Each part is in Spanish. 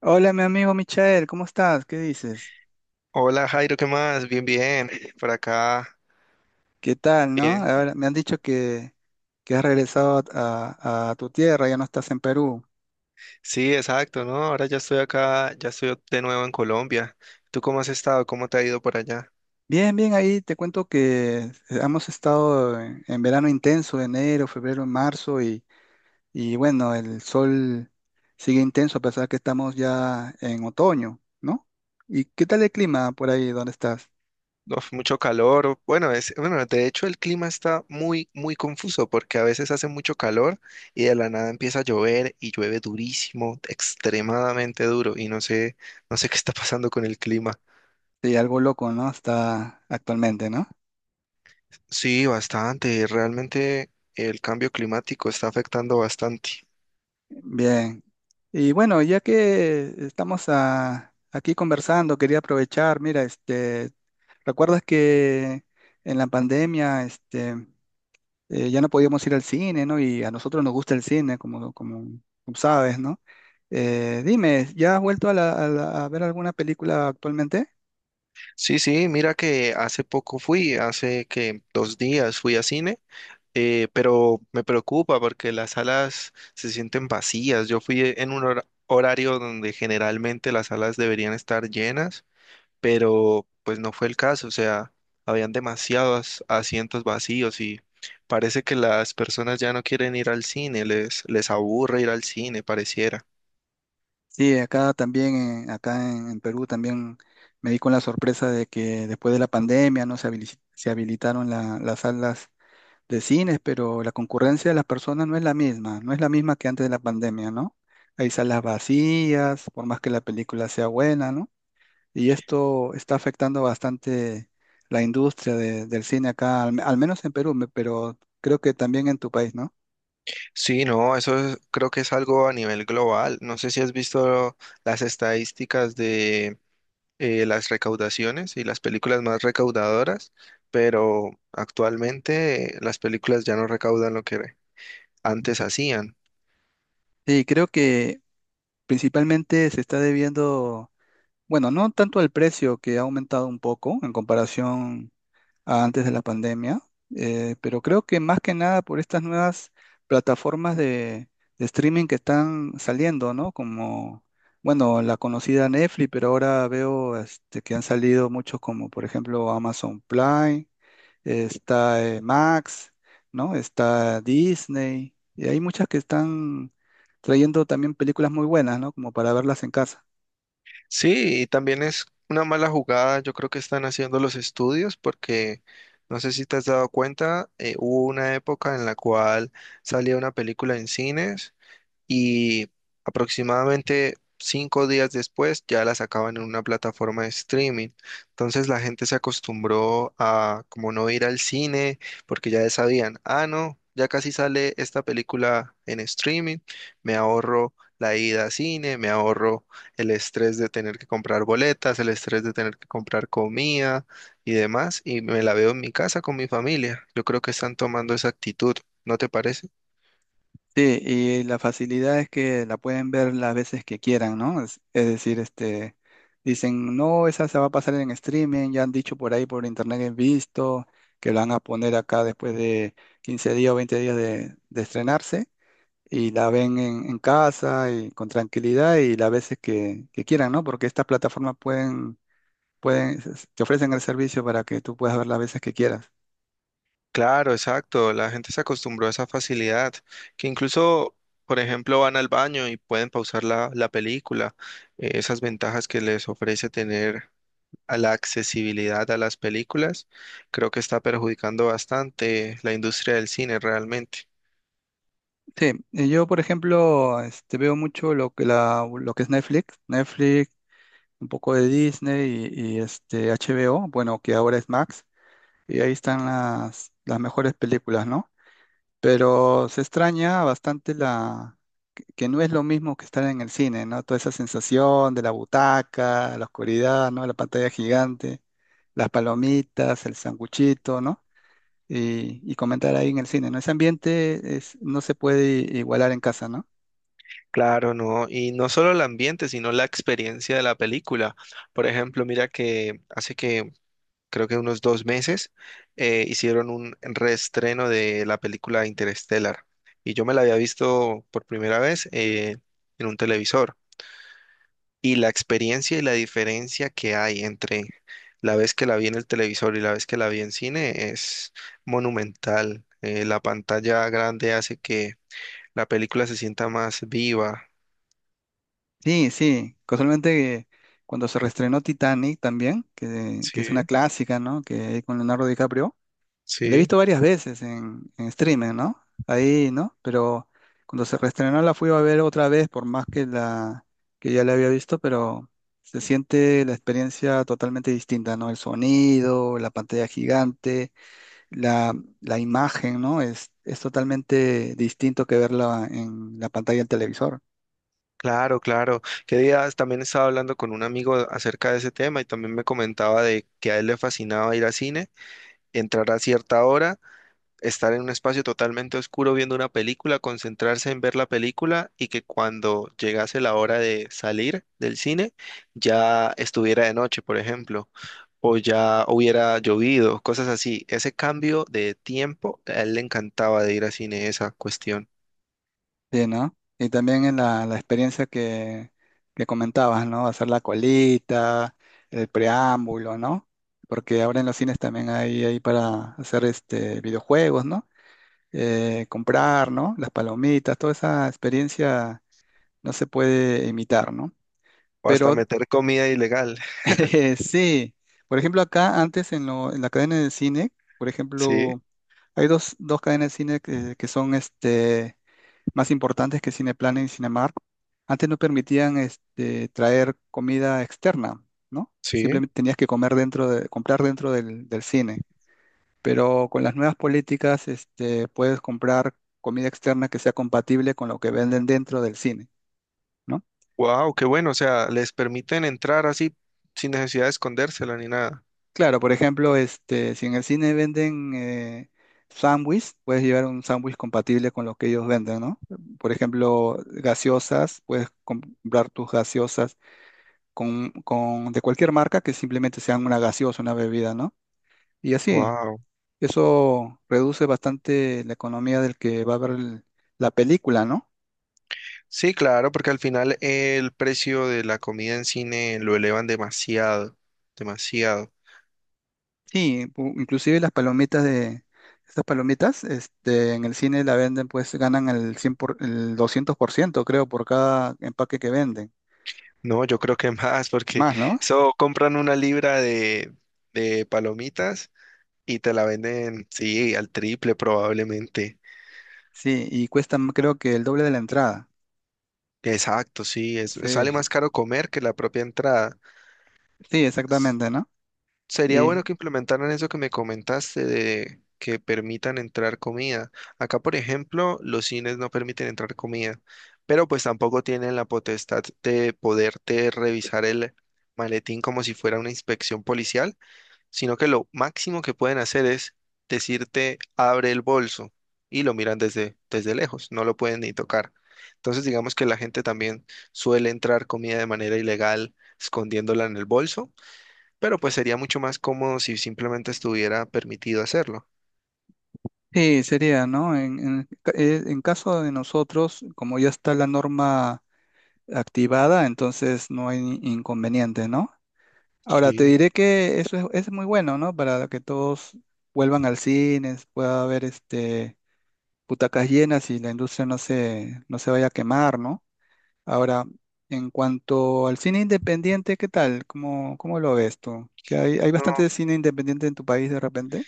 Hola, mi amigo Michael, ¿cómo estás? ¿Qué dices? Hola Jairo, ¿qué más? Bien, bien, por acá, ¿Qué tal, no? bien. Ahora me han dicho que has regresado a tu tierra, ya no estás en Perú. Sí, exacto, ¿no? Ahora ya estoy acá, ya estoy de nuevo en Colombia. ¿Tú cómo has estado? ¿Cómo te ha ido por allá? Bien, bien, ahí te cuento que hemos estado en verano intenso, enero, febrero, marzo, y bueno, el sol sigue intenso a pesar que estamos ya en otoño, ¿no? ¿Y qué tal el clima por ahí donde estás? Uf, mucho calor. Bueno, de hecho el clima está muy confuso porque a veces hace mucho calor y de la nada empieza a llover y llueve durísimo, extremadamente duro y no sé qué está pasando con el clima. Sí, algo loco, ¿no? Está actualmente, ¿no? Sí, bastante. Realmente el cambio climático está afectando bastante. Bien. Y bueno, ya que estamos aquí conversando, quería aprovechar, mira, ¿recuerdas que en la pandemia, ya no podíamos ir al cine, ¿no? Y a nosotros nos gusta el cine, como sabes, ¿no? Dime, ¿ya has vuelto a ver alguna película actualmente? Sí, sí, mira que hace poco fui, hace que 2 días fui a cine, pero me preocupa porque las salas se sienten vacías. Yo fui en un horario donde generalmente las salas deberían estar llenas, pero pues no fue el caso, o sea, habían demasiados asientos vacíos y parece que las personas ya no quieren ir al cine, les aburre ir al cine, pareciera. Sí, acá también, acá en Perú también me di con la sorpresa de que después de la pandemia, ¿no? Se habilitaron las salas de cines, pero la concurrencia de las personas no es la misma, no es la misma que antes de la pandemia, ¿no? Hay salas vacías, por más que la película sea buena, ¿no? Y esto está afectando bastante la industria del cine acá, al menos en Perú, pero creo que también en tu país, ¿no? Sí, no, creo que es algo a nivel global. No sé si has visto las estadísticas de las recaudaciones y las películas más recaudadoras, pero actualmente las películas ya no recaudan lo que antes hacían. Sí, creo que principalmente se está debiendo, bueno, no tanto al precio que ha aumentado un poco en comparación a antes de la pandemia, pero creo que más que nada por estas nuevas plataformas de streaming que están saliendo, ¿no? Como, bueno, la conocida Netflix, pero ahora veo que han salido muchos como, por ejemplo, Amazon Prime, está Max, ¿no? Está Disney, y hay muchas que están trayendo también películas muy buenas, ¿no? Como para verlas en casa. Sí, y también es una mala jugada, yo creo que están haciendo los estudios porque no sé si te has dado cuenta, hubo una época en la cual salía una película en cines y aproximadamente 5 días después ya la sacaban en una plataforma de streaming. Entonces la gente se acostumbró a como no ir al cine porque ya sabían, ah, no, ya casi sale esta película en streaming, me ahorro la ida a cine, me ahorro el estrés de tener que comprar boletas, el estrés de tener que comprar comida y demás, y me la veo en mi casa con mi familia. Yo creo que están tomando esa actitud, ¿no te parece? Sí, y la facilidad es que la pueden ver las veces que quieran, ¿no? Es decir, dicen, no, esa se va a pasar en streaming, ya han dicho por ahí por internet que he visto, que la van a poner acá después de 15 días o 20 días de estrenarse, y la ven en casa y con tranquilidad y las veces que quieran, ¿no? Porque estas plataformas pueden, te ofrecen el servicio para que tú puedas ver las veces que quieras. Claro, exacto. La gente se acostumbró a esa facilidad, que incluso, por ejemplo, van al baño y pueden pausar la película. Esas ventajas que les ofrece tener a la accesibilidad a las películas, creo que está perjudicando bastante la industria del cine realmente. Sí, yo por ejemplo veo mucho lo que es Netflix. Netflix un poco de Disney y este HBO, bueno, que ahora es Max, y ahí están las mejores películas, ¿no? Pero se extraña bastante la que no es lo mismo que estar en el cine, ¿no? Toda esa sensación de la butaca, la oscuridad, ¿no? La pantalla gigante, las palomitas, el sanguchito, ¿no? Y comentar ahí en el cine, ¿no? Ese ambiente es, no se puede igualar en casa, ¿no? Claro, no. Y no solo el ambiente, sino la experiencia de la película. Por ejemplo, mira que hace que creo que unos 2 meses, hicieron un reestreno de la película Interstellar. Y yo me la había visto por primera vez en un televisor. Y la experiencia y la diferencia que hay entre la vez que la vi en el televisor y la vez que la vi en cine es monumental. La pantalla grande hace que la película se sienta más viva. Sí, sí, casualmente que cuando se reestrenó Titanic también, que Sí, es una clásica, ¿no? Que hay con Leonardo DiCaprio, la he sí. visto varias veces en streaming, ¿no? Ahí, ¿no? Pero cuando se reestrenó la fui a ver otra vez, por más que la que ya la había visto, pero se siente la experiencia totalmente distinta, ¿no? El sonido, la pantalla gigante, la, la imagen, ¿no? Es totalmente distinto que verla en la pantalla del televisor. Claro, claro. Qué días también estaba hablando con un amigo acerca de ese tema y también me comentaba de que a él le fascinaba ir al cine, entrar a cierta hora, estar en un espacio totalmente oscuro viendo una película, concentrarse en ver la película y que cuando llegase la hora de salir del cine ya estuviera de noche, por ejemplo, o ya hubiera llovido, cosas así. Ese cambio de tiempo, a él le encantaba de ir al cine, esa cuestión. Sí, ¿no? Y también en la experiencia que comentabas, ¿no? Hacer la colita, el preámbulo, ¿no? Porque ahora en los cines también hay para hacer videojuegos, ¿no? Comprar, ¿no? Las palomitas, toda esa experiencia no se puede imitar, ¿no? O hasta Pero meter comida ilegal. Sí, por ejemplo, acá antes en la cadena de cine, por Sí, ejemplo, hay dos cadenas de cine que son más importantes que Cineplanet y Cinemark, antes no permitían traer comida externa, ¿no? sí. Simplemente tenías que comer comprar dentro del cine. Pero con las nuevas políticas, puedes comprar comida externa que sea compatible con lo que venden dentro del cine, ¿no? Wow, qué bueno, o sea, les permiten entrar así sin necesidad de escondérsela ni nada. Claro, por ejemplo, si en el cine venden sándwich, puedes llevar un sándwich compatible con lo que ellos venden, ¿no? Por ejemplo, gaseosas, puedes comprar tus gaseosas de cualquier marca que simplemente sean una gaseosa, una bebida, ¿no? Y así, Wow. eso reduce bastante la economía del que va a ver la película, ¿no? Sí, claro, porque al final el precio de la comida en cine lo elevan demasiado, demasiado. Sí, inclusive las palomitas estas palomitas, en el cine la venden, pues ganan el 200% creo, por cada empaque que venden. No, yo creo que más, porque Más, ¿no? eso compran una libra de palomitas y te la venden, sí, al triple probablemente. Sí, y cuestan creo que el doble de la entrada. Exacto, sí, es, sale más Sí, caro comer que la propia entrada. sí, exactamente, ¿no? Sería bueno que implementaran eso que me comentaste de que permitan entrar comida. Acá, por ejemplo, los cines no permiten entrar comida, pero pues tampoco tienen la potestad de poderte revisar el maletín como si fuera una inspección policial, sino que lo máximo que pueden hacer es decirte abre el bolso y lo miran desde, desde lejos, no lo pueden ni tocar. Entonces, digamos que la gente también suele entrar comida de manera ilegal escondiéndola en el bolso pero pues sería mucho más cómodo si simplemente estuviera permitido hacerlo. Sí, sería, ¿no? En caso de nosotros, como ya está la norma activada, entonces no hay inconveniente, ¿no? Ahora, te Sí, diré que eso es muy bueno, ¿no? Para que todos vuelvan al cine, pueda haber butacas llenas y la industria no se vaya a quemar, ¿no? Ahora, en cuanto al cine independiente, ¿qué tal? ¿Cómo lo ves tú? ¿Que hay No, bastante cine independiente en tu país de repente?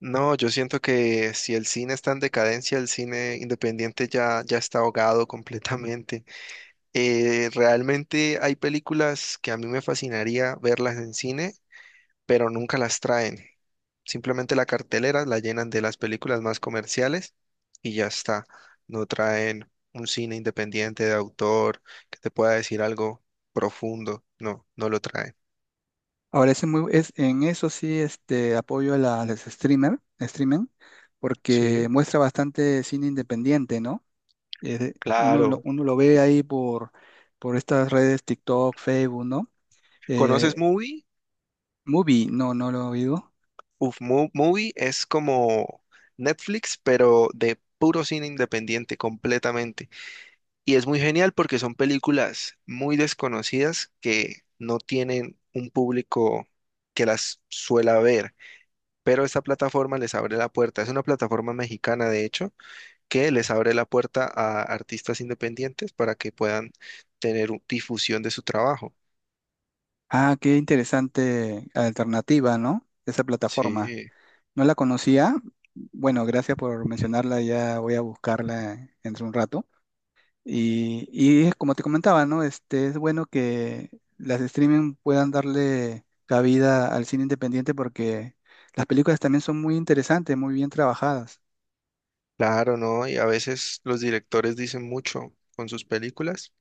no, yo siento que si el cine está en decadencia, el cine independiente ya está ahogado completamente. Realmente hay películas que a mí me fascinaría verlas en cine, pero nunca las traen. Simplemente la cartelera la llenan de las películas más comerciales y ya está. No traen un cine independiente de autor que te pueda decir algo profundo. No, no lo traen. Ahora, en eso sí apoyo a los streaming, porque Sí, muestra bastante cine independiente, ¿no? Eh, uno, lo, claro. uno lo ve ahí por estas redes TikTok, Facebook, ¿no? ¿Conoces Eh, Movie? Movie, no, no lo he oído. Uf, Movie es como Netflix, pero de puro cine independiente completamente. Y es muy genial porque son películas muy desconocidas que no tienen un público que las suela ver, pero esta plataforma les abre la puerta. Es una plataforma mexicana, de hecho, que les abre la puerta a artistas independientes para que puedan tener difusión de su trabajo. Ah, qué interesante alternativa, ¿no? Esa plataforma. Sí. No la conocía. Bueno, gracias por mencionarla, ya voy a buscarla entre un rato. Y es como te comentaba, ¿no? Es bueno que las streaming puedan darle cabida al cine independiente porque las películas también son muy interesantes, muy bien trabajadas. Claro, ¿no? Y a veces los directores dicen mucho con sus películas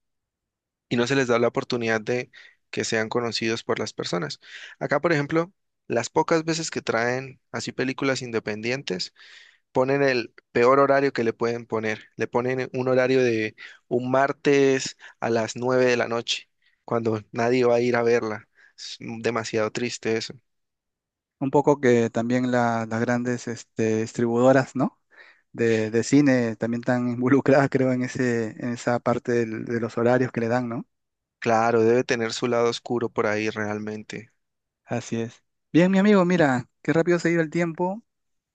y no se les da la oportunidad de que sean conocidos por las personas. Acá, por ejemplo, las pocas veces que traen así películas independientes, ponen el peor horario que le pueden poner. Le ponen un horario de un martes a las 9 de la noche, cuando nadie va a ir a verla. Es demasiado triste eso. Un poco que también las grandes distribuidoras, ¿no? De cine también están involucradas, creo, en esa parte de los horarios que le dan, ¿no? Claro, debe tener su lado oscuro por ahí realmente. Así es. Bien, mi amigo, mira, qué rápido se ha ido el tiempo.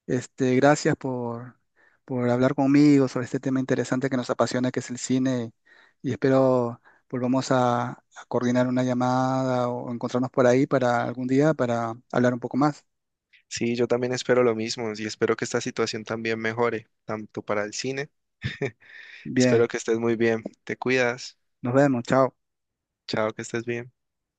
Gracias por hablar conmigo sobre este tema interesante que nos apasiona, que es el cine, y espero volvamos a coordinar una llamada o encontrarnos por ahí para algún día para hablar un poco más. Sí, yo también espero lo mismo y espero que esta situación también mejore, tanto para el cine. Espero Bien, que estés muy bien. Te cuidas. nos vemos, chao. Chao, que estés bien.